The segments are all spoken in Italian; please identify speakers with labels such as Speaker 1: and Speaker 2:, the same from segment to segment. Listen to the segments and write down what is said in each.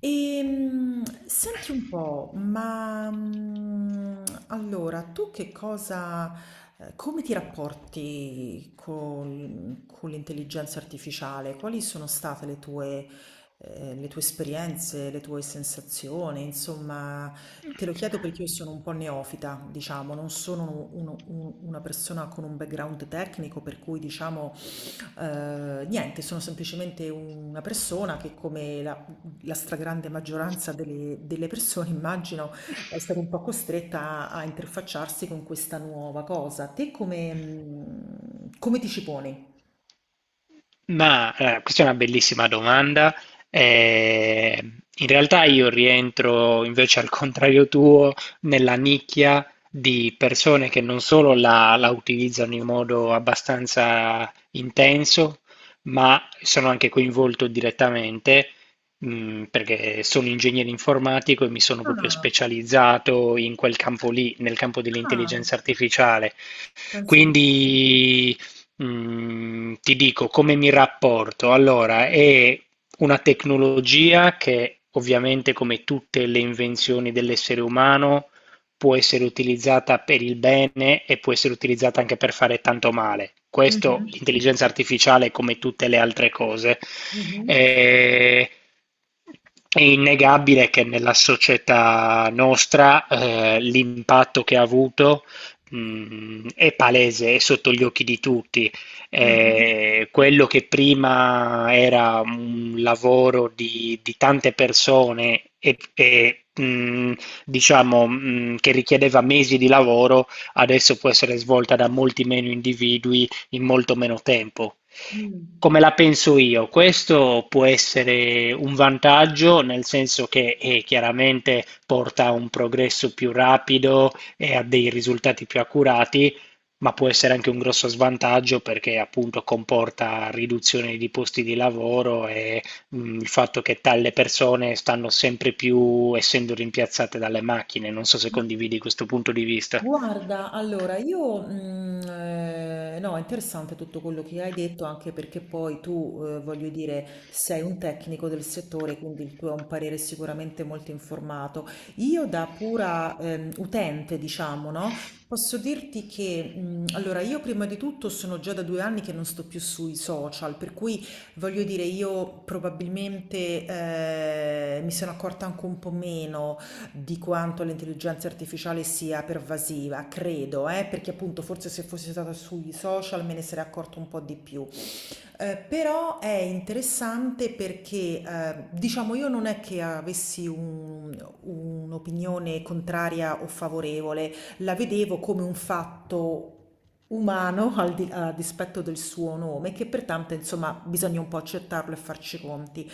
Speaker 1: Senti un po', ma allora tu che cosa, come ti rapporti con l'intelligenza artificiale? Quali sono state le tue, le tue esperienze, le tue sensazioni? Insomma, te lo chiedo perché io sono un po' neofita, diciamo, non sono una persona con un background tecnico, per cui diciamo. Niente, sono semplicemente una persona che come la stragrande maggioranza delle persone, immagino, è stata un po' costretta a interfacciarsi con questa nuova cosa. Te come, come ti ci poni?
Speaker 2: Questa è una bellissima domanda. Eh, In realtà io rientro invece al contrario tuo nella nicchia di persone che non solo la utilizzano in modo abbastanza intenso, ma sono anche coinvolto direttamente, perché sono ingegnere informatico e mi sono proprio
Speaker 1: Ah,
Speaker 2: specializzato in quel campo lì, nel campo
Speaker 1: ah,
Speaker 2: dell'intelligenza artificiale.
Speaker 1: penso un po'.
Speaker 2: Quindi ti dico come mi rapporto. Allora, è una tecnologia che ovviamente, come tutte le invenzioni dell'essere umano, può essere utilizzata per il bene e può essere utilizzata anche per fare tanto male. Questo
Speaker 1: Mhm,
Speaker 2: l'intelligenza artificiale, come tutte le altre cose.
Speaker 1: mhm,
Speaker 2: Eh, È innegabile che nella società nostra l'impatto che ha avuto è palese, è sotto gli occhi di tutti.
Speaker 1: mhm,
Speaker 2: Quello che prima era un lavoro di tante persone e, che richiedeva mesi di lavoro, adesso può essere svolta da molti meno individui in molto meno tempo.
Speaker 1: mm.
Speaker 2: Come la penso io? Questo può essere un vantaggio, nel senso che chiaramente porta a un progresso più rapido, e ha dei risultati più accurati, ma può essere anche un grosso svantaggio perché appunto comporta riduzione di posti di lavoro e il fatto che tale persone stanno sempre più essendo rimpiazzate dalle macchine. Non so se condividi questo punto di vista.
Speaker 1: Guarda, allora io, no, è interessante tutto quello che hai detto, anche perché poi tu, voglio dire, sei un tecnico del settore, quindi il tuo è un parere sicuramente molto informato. Io da pura, utente, diciamo, no, posso dirti che, allora io prima di tutto sono già da 2 anni che non sto più sui social, per cui voglio dire io probabilmente, mi sono accorta anche un po' meno di quanto l'intelligenza artificiale sia pervasiva, credo, perché appunto forse se fosse stata sui social me ne sarei accorto un po' di più. Però è interessante perché diciamo io non è che avessi un'opinione contraria o favorevole, la vedevo come un fatto umano a dispetto del suo nome, che pertanto insomma bisogna un po' accettarlo e farci i conti.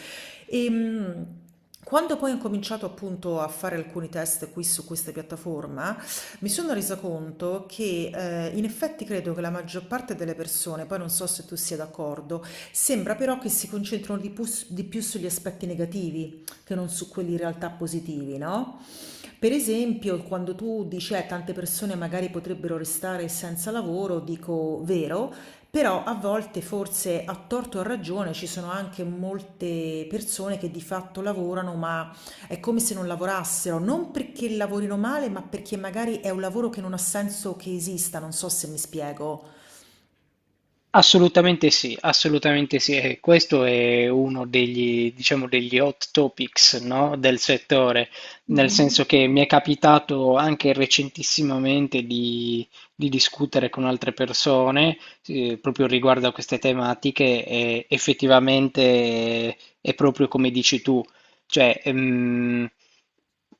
Speaker 1: Ehm, Quando poi ho incominciato appunto a fare alcuni test qui su questa piattaforma, mi sono resa conto che in effetti credo che la maggior parte delle persone, poi non so se tu sia d'accordo, sembra però che si concentrano più di più sugli aspetti negativi che non su quelli in realtà positivi, no? Per esempio, quando tu dici tante persone magari potrebbero restare senza lavoro, dico vero, però a volte forse a torto o a ragione ci sono anche molte persone che di fatto lavorano, ma è come se non lavorassero, non perché lavorino male, ma perché magari è un lavoro che non ha senso che esista, non so se mi spiego.
Speaker 2: Assolutamente sì, assolutamente sì. E questo è uno degli, diciamo, degli hot topics, no, del settore, nel
Speaker 1: Mh-mh.
Speaker 2: senso che mi è capitato anche recentissimamente di discutere con altre persone, proprio riguardo a queste tematiche e effettivamente è proprio come dici tu. Cioè,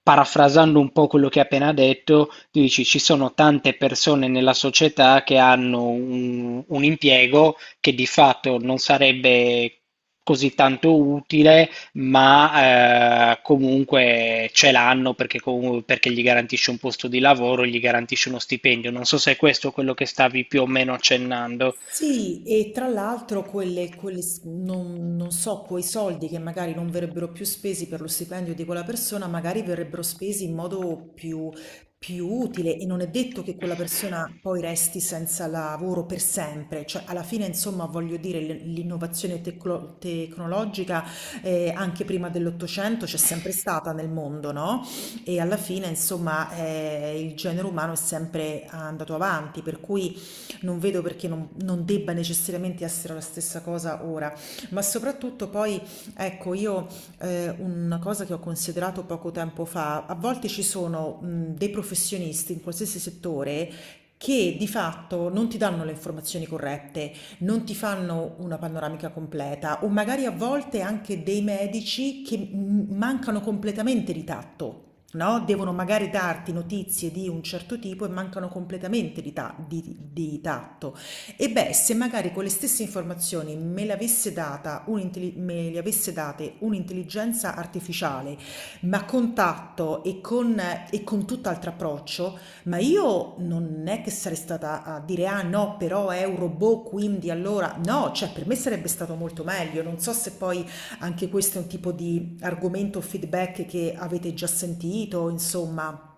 Speaker 2: parafrasando un po' quello che hai appena detto, tu dici ci sono tante persone nella società che hanno un impiego che di fatto non sarebbe così tanto utile, ma comunque ce l'hanno perché, perché gli garantisce un posto di lavoro, gli garantisce uno stipendio. Non so se è questo quello che stavi più o meno accennando.
Speaker 1: Sì, e tra l'altro quelle non so, quei soldi che magari non verrebbero più spesi per lo stipendio di quella persona, magari verrebbero spesi in modo più utile e non è detto che quella persona poi resti senza lavoro per sempre, cioè alla fine insomma voglio dire l'innovazione tecnologica anche prima dell'Ottocento c'è sempre stata nel mondo, no? E alla fine insomma il genere umano è sempre andato avanti, per cui non vedo perché non debba necessariamente essere la stessa cosa ora, ma soprattutto poi, ecco, io una cosa che ho considerato poco tempo fa, a volte ci sono dei professionisti in qualsiasi settore che di fatto non ti danno le informazioni corrette, non ti fanno una panoramica completa o magari a volte anche dei medici che mancano completamente di tatto, no? Devono magari darti notizie di un certo tipo e mancano completamente di tatto. E beh, se magari quelle stesse informazioni me le avesse data me le avesse date un'intelligenza artificiale, ma con tatto e con tutt'altro approccio, ma io non è che sarei stata a dire ah no, però è un robot, quindi allora no, cioè per me sarebbe stato molto meglio. Non so se poi anche questo è un tipo di argomento o feedback che avete già sentito, insomma.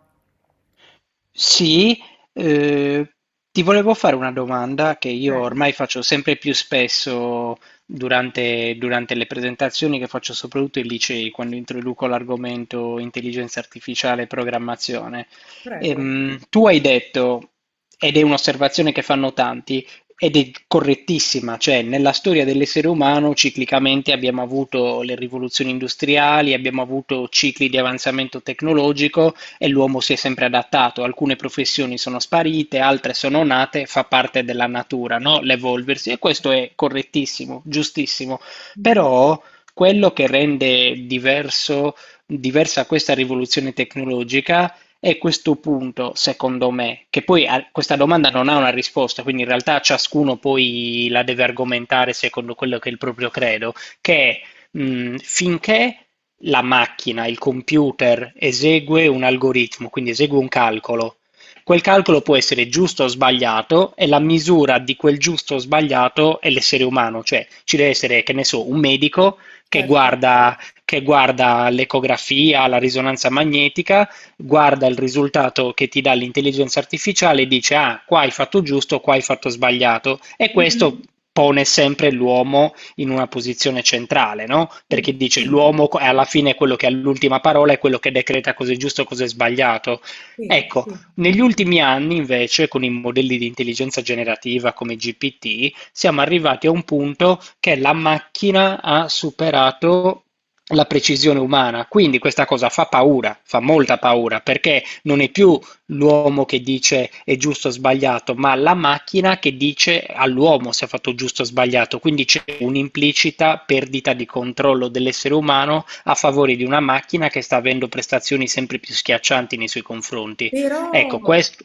Speaker 2: Sì, eh, ti volevo fare una domanda che io
Speaker 1: Prego,
Speaker 2: ormai faccio sempre più spesso durante le presentazioni che faccio soprattutto ai licei, quando introduco l'argomento intelligenza artificiale e programmazione.
Speaker 1: prego.
Speaker 2: Tu hai detto, ed è un'osservazione che fanno tanti, ed è correttissima, cioè nella storia dell'essere umano ciclicamente abbiamo avuto le rivoluzioni industriali, abbiamo avuto cicli di avanzamento tecnologico e l'uomo si è sempre adattato, alcune professioni sono sparite, altre sono nate, fa parte della natura, no? L'evolversi e questo è correttissimo, giustissimo,
Speaker 1: Mhm.
Speaker 2: però quello che rende diversa questa rivoluzione tecnologica è questo punto, secondo me, che poi questa domanda non ha una risposta, quindi in realtà ciascuno poi la deve argomentare secondo quello che è il proprio credo, che finché la macchina, il computer esegue un algoritmo, quindi esegue un calcolo. Quel calcolo può essere giusto o sbagliato e la misura di quel giusto o sbagliato è l'essere umano, cioè ci deve essere, che ne so, un medico che
Speaker 1: Certo.
Speaker 2: guarda, che guarda l'ecografia, la risonanza magnetica, guarda il risultato che ti dà l'intelligenza artificiale e dice ah, qua hai fatto giusto, qua hai fatto sbagliato e questo
Speaker 1: Mhm.
Speaker 2: pone sempre l'uomo in una posizione centrale, no? Perché
Speaker 1: Sì,
Speaker 2: dice
Speaker 1: sì,
Speaker 2: l'uomo è alla fine quello che ha l'ultima parola, è quello che decreta cosa è giusto e cosa è sbagliato.
Speaker 1: sì,
Speaker 2: Ecco,
Speaker 1: sì.
Speaker 2: negli ultimi anni invece, con i modelli di intelligenza generativa come GPT, siamo arrivati a un punto che la macchina ha superato la precisione umana. Quindi questa cosa fa paura, fa molta paura, perché non è più l'uomo che dice è giusto o sbagliato, ma la macchina che dice all'uomo se ha fatto giusto o sbagliato. Quindi c'è un'implicita perdita di controllo dell'essere umano a favore di una macchina che sta avendo prestazioni sempre più schiaccianti nei suoi confronti.
Speaker 1: Però,
Speaker 2: Ecco, questo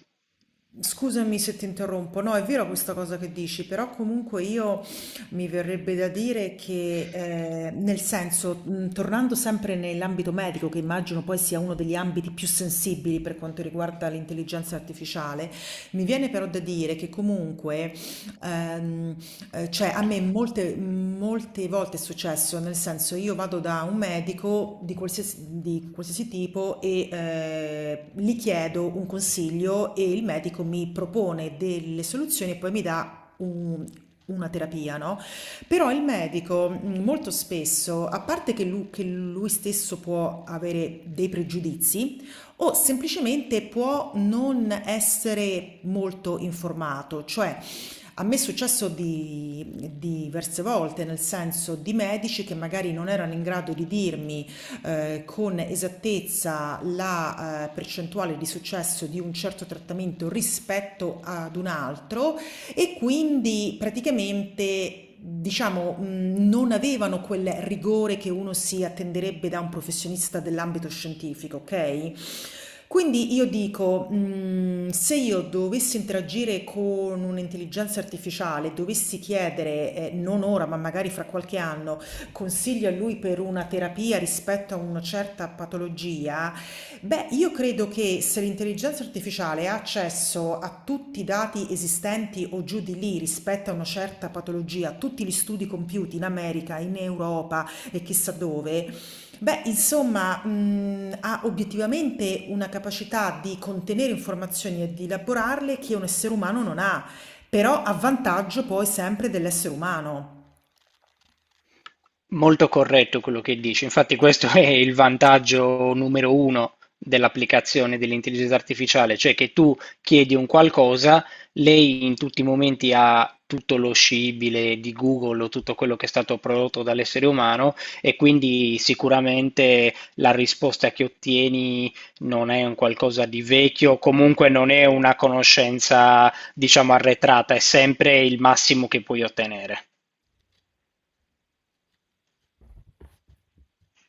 Speaker 1: scusami se ti interrompo, no, è vero questa cosa che dici, però comunque io mi verrebbe da dire che, nel senso, tornando sempre nell'ambito medico, che immagino poi sia uno degli ambiti più sensibili per quanto riguarda l'intelligenza artificiale, mi viene però da dire che comunque, ehm, cioè a me molte volte è successo, nel senso io vado da un medico di qualsiasi tipo e gli chiedo un consiglio e il medico mi propone delle soluzioni e poi mi dà una terapia, no? Però il medico molto spesso, a parte che che lui stesso può avere dei pregiudizi, o semplicemente può non essere molto informato, cioè a me è successo di diverse volte, nel senso di medici che magari non erano in grado di dirmi, con esattezza la percentuale di successo di un certo trattamento rispetto ad un altro e quindi praticamente diciamo, non avevano quel rigore che uno si attenderebbe da un professionista dell'ambito scientifico, ok? Quindi io dico, se io dovessi interagire con un'intelligenza artificiale, dovessi chiedere, non ora, ma magari fra qualche anno, consigli a lui per una terapia rispetto a una certa patologia. Beh, io credo che se l'intelligenza artificiale ha accesso a tutti i dati esistenti o giù di lì rispetto a una certa patologia, a tutti gli studi compiuti in America, in Europa e chissà dove, beh, insomma, ha obiettivamente una capacità di contenere informazioni e di elaborarle che un essere umano non ha, però a vantaggio poi sempre dell'essere umano.
Speaker 2: Molto corretto quello che dici, infatti questo è il vantaggio numero uno dell'applicazione dell'intelligenza artificiale, cioè che tu chiedi un qualcosa, lei in tutti i momenti ha tutto lo scibile di Google o tutto quello che è stato prodotto dall'essere umano e quindi sicuramente la risposta che ottieni non è un qualcosa di vecchio, comunque non è una conoscenza, diciamo, arretrata, è sempre il massimo che puoi ottenere.